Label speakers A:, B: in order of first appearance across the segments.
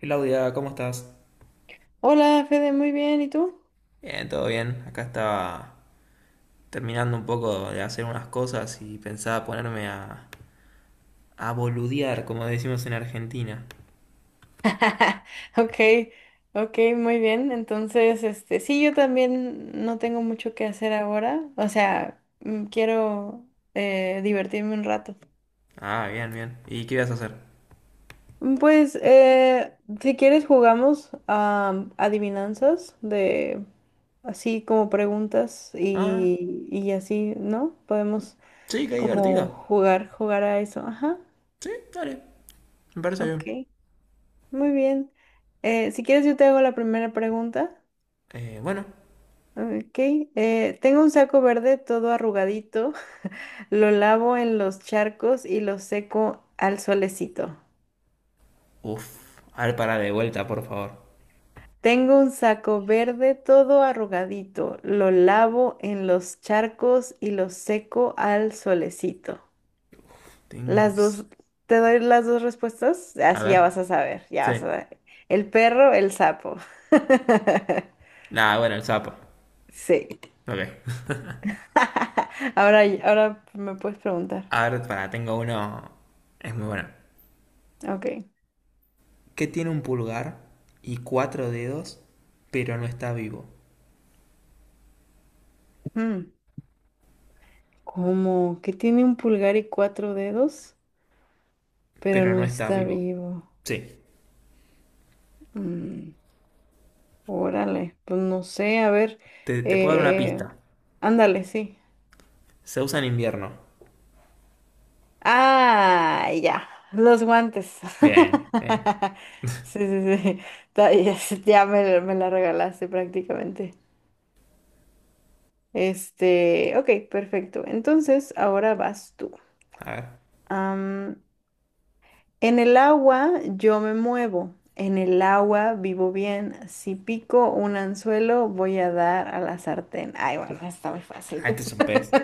A: Claudia, ¿cómo estás?
B: Hola, Fede, muy bien, ¿y tú?
A: Bien, todo bien. Acá estaba terminando un poco de hacer unas cosas y pensaba ponerme a boludear, como decimos en Argentina.
B: Ok, ok, muy bien. Entonces, este, sí, yo también no tengo mucho que hacer ahora. O sea, quiero divertirme un rato.
A: Ah, bien, bien. ¿Y qué ibas a hacer?
B: Pues, si quieres, jugamos a adivinanzas de así como preguntas
A: Ah,
B: y así, ¿no? Podemos
A: sí, qué
B: como
A: divertido.
B: jugar, jugar a eso. Ajá,
A: Sí, dale. Me parece bien.
B: ok, muy bien. Si quieres, yo te hago la primera pregunta.
A: Bueno.
B: Ok, tengo un saco verde todo arrugadito, lo lavo en los charcos y lo seco al solecito.
A: Uf. A ver, para de vuelta, por favor.
B: Tengo un saco verde todo arrugadito, lo lavo en los charcos y lo seco al solecito.
A: Tengo un...
B: Las
A: s-
B: dos, te doy las dos respuestas,
A: A
B: así ya
A: ver.
B: vas a saber, ya vas a
A: Sí.
B: ver. El perro, el sapo.
A: Nah, bueno, el sapo.
B: Sí.
A: Ok.
B: Ahora me puedes preguntar.
A: A ver, para, tengo uno... Es muy bueno.
B: Ok.
A: Que tiene un pulgar y cuatro dedos, pero no está vivo.
B: Mm. ¿Cómo? ¿Que tiene un pulgar y cuatro dedos? Pero
A: Pero
B: no
A: no está
B: está
A: vivo.
B: vivo.
A: Sí.
B: Mm, órale, pues no sé, a ver.
A: Te puedo dar una
B: eh,
A: pista.
B: ándale, sí.
A: Se usa en invierno.
B: Ah, ya, los guantes.
A: Bien, bien.
B: Sí, sí, sí. Ya, ya me la regalaste prácticamente. Este, ok, perfecto. Entonces, ahora vas tú.
A: A ver.
B: En el agua yo me muevo, en el agua vivo bien. Si pico un anzuelo, voy a dar a la sartén. Ay, bueno, está muy fácil.
A: Ah, este es un pez.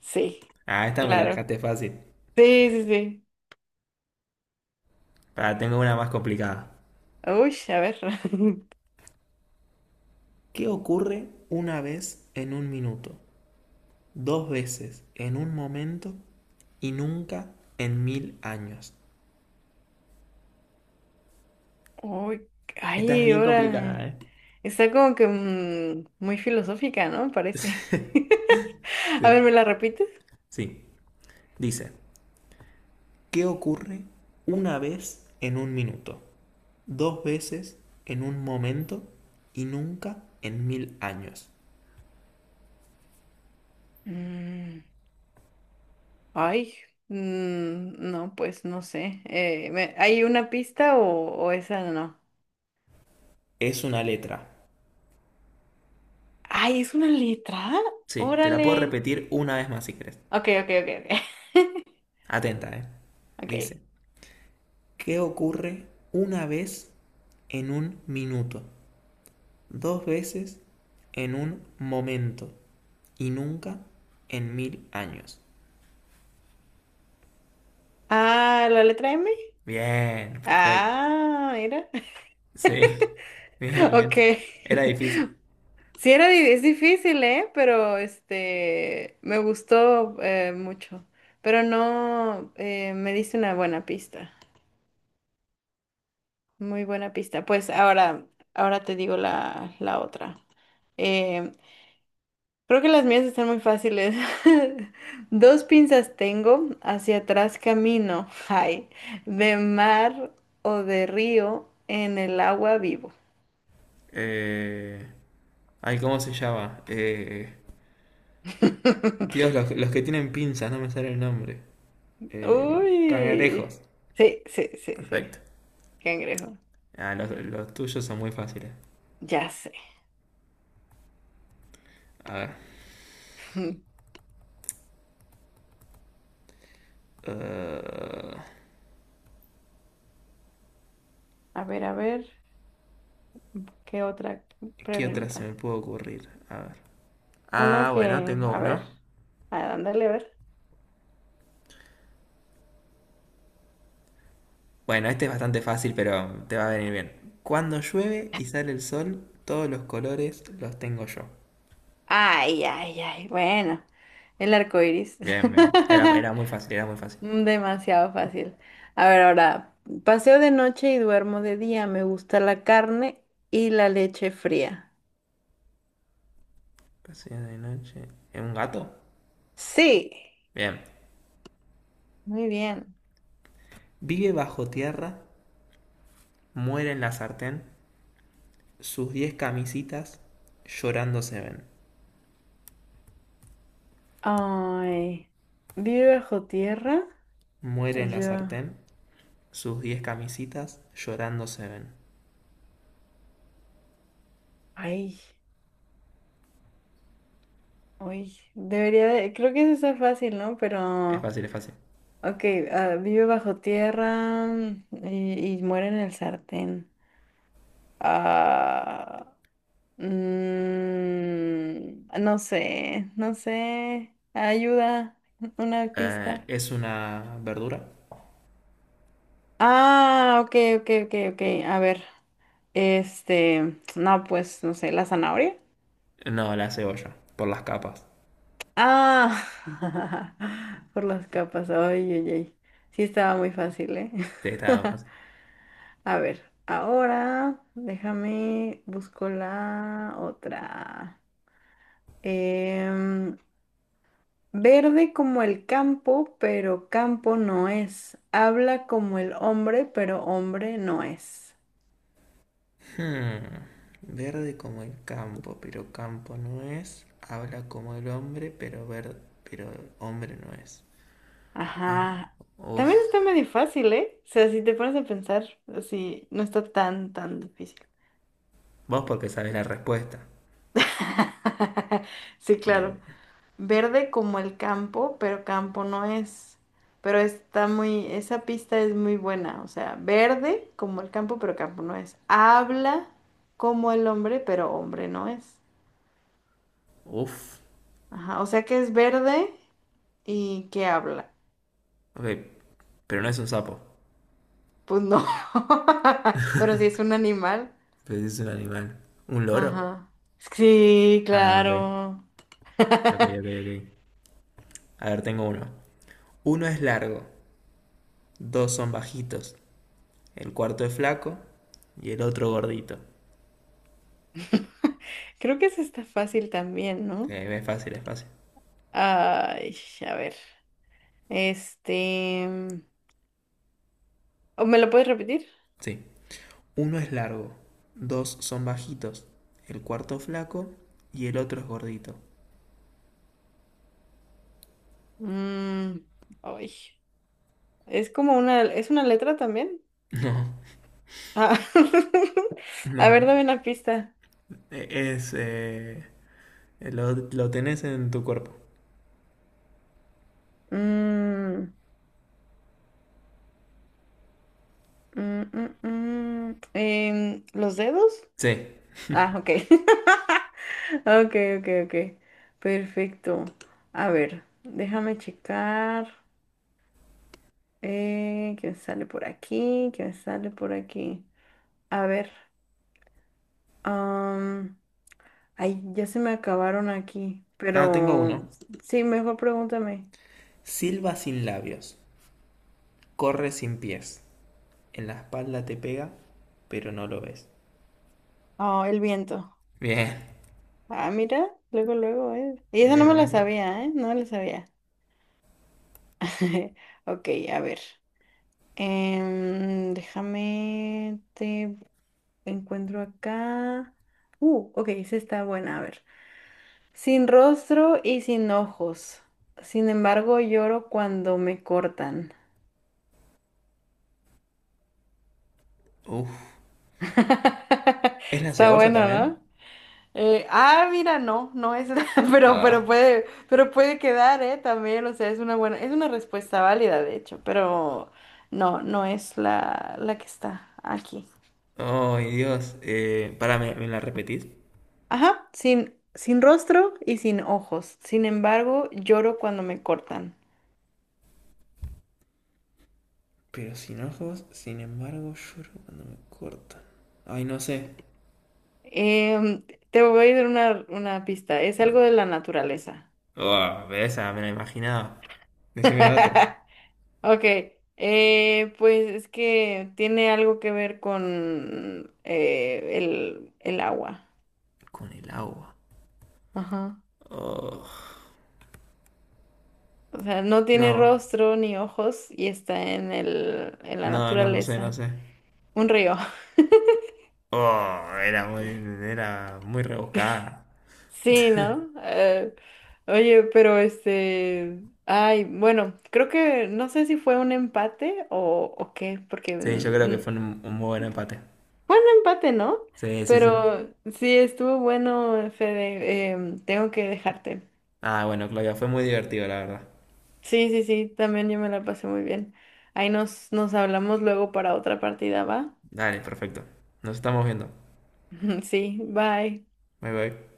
B: Sí,
A: Ah, esta me la
B: claro.
A: dejaste fácil.
B: Sí, sí, sí.
A: Ahora tengo una más complicada.
B: Uy, a ver.
A: ¿Qué ocurre una vez en un minuto? Dos veces en un momento y nunca en mil años.
B: Uy,
A: Esta es
B: ay,
A: bien complicada,
B: órale.
A: ¿eh?
B: Está como que muy filosófica, ¿no? Parece. A
A: Sí.
B: ver, ¿me la repites?
A: Sí. Dice, ¿qué ocurre una vez en un minuto? Dos veces en un momento y nunca en mil años.
B: Mm. Ay, no, pues no sé. ¿Hay una pista o esa no?
A: Es una letra.
B: Ay, ¿es una letra?
A: Sí, te la puedo
B: Órale.
A: repetir una vez más si querés.
B: Ok, ok, ok, ok.
A: Atenta, ¿eh?
B: Ok.
A: Dice, ¿qué ocurre una vez en un minuto? Dos veces en un momento y nunca en mil años.
B: Ah, ¿la letra M?
A: Bien, perfecto.
B: Ah, mira.
A: Sí, bien,
B: Ok.
A: bien. Era difícil.
B: Sí, es difícil, ¿eh? Pero este, me gustó mucho. Pero no, me diste una buena pista. Muy buena pista. Pues ahora te digo la otra. Eh, Creo que las mías están muy fáciles. Dos pinzas tengo, hacia atrás camino. Ay, de mar o de río, en el agua vivo.
A: Eh... Ay, ¿cómo se llama? Dios, los que tienen pinzas, no me sale el nombre.
B: Uy.
A: Cangrejos.
B: Sí, sí, sí, sí.
A: Perfecto.
B: Cangrejo.
A: Ah, los tuyos son muy fáciles.
B: Ya sé.
A: A ver. eh,
B: A ver, ¿qué otra
A: ¿Qué otra se
B: pregunta?
A: me puede ocurrir? A ver.
B: Una
A: Ah,
B: que,
A: bueno, tengo
B: a ver,
A: uno.
B: a ándale, a ver.
A: Bueno, este es bastante fácil, pero te va a venir bien. Cuando llueve y sale el sol, todos los colores los tengo yo.
B: Ay, ay, ay. Bueno, el arco iris.
A: Bien, bien. Era, era muy fácil, era muy fácil.
B: Demasiado fácil. A ver, ahora, paseo de noche y duermo de día. Me gusta la carne y la leche fría.
A: Paseo de noche. ¿Es un gato?
B: Sí,
A: Bien.
B: muy bien.
A: Vive bajo tierra, muere en la sartén. Sus diez camisitas llorando se ven.
B: Ay, ¿vive bajo tierra?
A: Muere en la
B: Yo,
A: sartén. Sus diez camisitas llorando se ven.
B: Ay, uy, debería de, creo que eso está fácil, ¿no?
A: Es
B: Pero,
A: fácil, es fácil.
B: ok, ah, vive bajo tierra y muere en el sartén. Ah. No sé, no sé. Ayuda, una pista.
A: ¿Es una verdura?
B: Ah, ok, ok, ok, ok. A ver, este, no, pues, no sé, la zanahoria.
A: No, la cebolla. Por las capas.
B: Ah, por las capas. Ay, ay, ay. Sí estaba muy fácil, ¿eh?
A: Te está fácil.
B: A ver, ahora déjame, busco la otra. Em, Verde como el campo, pero campo no es. Habla como el hombre, pero hombre no es.
A: Hmm, verde como el campo, pero campo no es. Habla como el hombre, pero verde, pero hombre no es. Ah,
B: Ajá.
A: uf.
B: También está medio fácil, ¿eh? O sea, si te pones a pensar, así no está tan, tan difícil.
A: Vos porque sabés la respuesta.
B: Sí, claro.
A: Eh,
B: Verde como el campo, pero campo no es. Pero está esa pista es muy buena. O sea, verde como el campo, pero campo no es. Habla como el hombre, pero hombre no es.
A: uf.
B: Ajá, o sea que es verde y que habla.
A: Ok. Pero no es un sapo.
B: Pues no. Pero si es un animal.
A: Pues es un animal. ¿Un loro?
B: Ajá. Sí,
A: Ah, ok.
B: claro.
A: Ok, ok, ok. A ver, tengo uno. Uno es largo, dos son bajitos, el cuarto es flaco y el otro gordito.
B: Creo que eso está fácil también, ¿no?
A: Es fácil, es fácil.
B: Ay, a ver. Este. ¿O me lo puedes repetir?
A: Sí. Uno es largo, dos son bajitos, el cuarto es flaco y el otro es gordito.
B: Mm, ay. Es como una. ¿Es una letra también? Ah.
A: No,
B: A
A: no,
B: ver,
A: no.
B: dame una pista.
A: E- Es, eh, lo tenés en tu cuerpo.
B: Mm, mm, mm, mm. ¿Los dedos?
A: Sí.
B: Ah, ok. Ok, ok, ok. Perfecto. A ver, déjame checar. ¿Qué me sale por aquí? ¿Qué me sale por aquí? A ver. am, ay, ya se me acabaron aquí.
A: Ah, tengo
B: Pero
A: uno.
B: sí, mejor pregúntame.
A: Silba sin labios, corre sin pies. En la espalda te pega, pero no lo ves.
B: Oh, el viento.
A: Bien.
B: Ah, mira, luego, luego. Y eso no
A: Bien,
B: me la
A: bien, bien.
B: sabía, ¿eh? No me la sabía. Ok, a ver. Déjame te encuentro acá. Ok, esa está buena. A ver. Sin rostro y sin ojos. Sin embargo, lloro cuando me cortan.
A: Uf. ¿Es la
B: Está
A: cebolla
B: bueno,
A: también?
B: ¿no? Ah, mira, no, no es, pero
A: Ah.
B: puede, pero puede quedar, ¿eh? También, o sea, es una buena, es una respuesta válida, de hecho, pero no, no es la que está aquí.
A: Oh Dios. Pará, ¿me la repetís?
B: Ajá, sin rostro y sin ojos. Sin embargo, lloro cuando me cortan.
A: Pero sin ojos, sin embargo, lloro cuando me cortan. Ay, no sé.
B: Em, te voy a dar una pista. Es
A: No.
B: algo de la naturaleza.
A: Ah, pero esa me la imaginaba. Decime otra.
B: Ok. Pues es que tiene algo que ver con el agua.
A: Con el agua.
B: Ajá.
A: Oh.
B: O sea, no tiene
A: No,
B: rostro ni ojos y está en en la
A: no, no lo sé, no
B: naturaleza.
A: sé.
B: Un río.
A: Oh, era muy rebuscada.
B: Sí, ¿no? Oye, pero este, ay, bueno, creo que no sé si fue un empate o qué, porque
A: Sí, yo creo que fue un muy buen empate.
B: empate, ¿no?
A: Sí, sí, sí.
B: Pero sí, estuvo bueno, Fede. Tengo que dejarte.
A: Ah, bueno, Claudia, fue muy divertido, la verdad.
B: Sí, sí, sí, también yo me la pasé muy bien. Ahí nos hablamos luego para otra partida, ¿va?
A: Dale, perfecto. Nos estamos viendo.
B: Sí, bye.
A: Bye bye.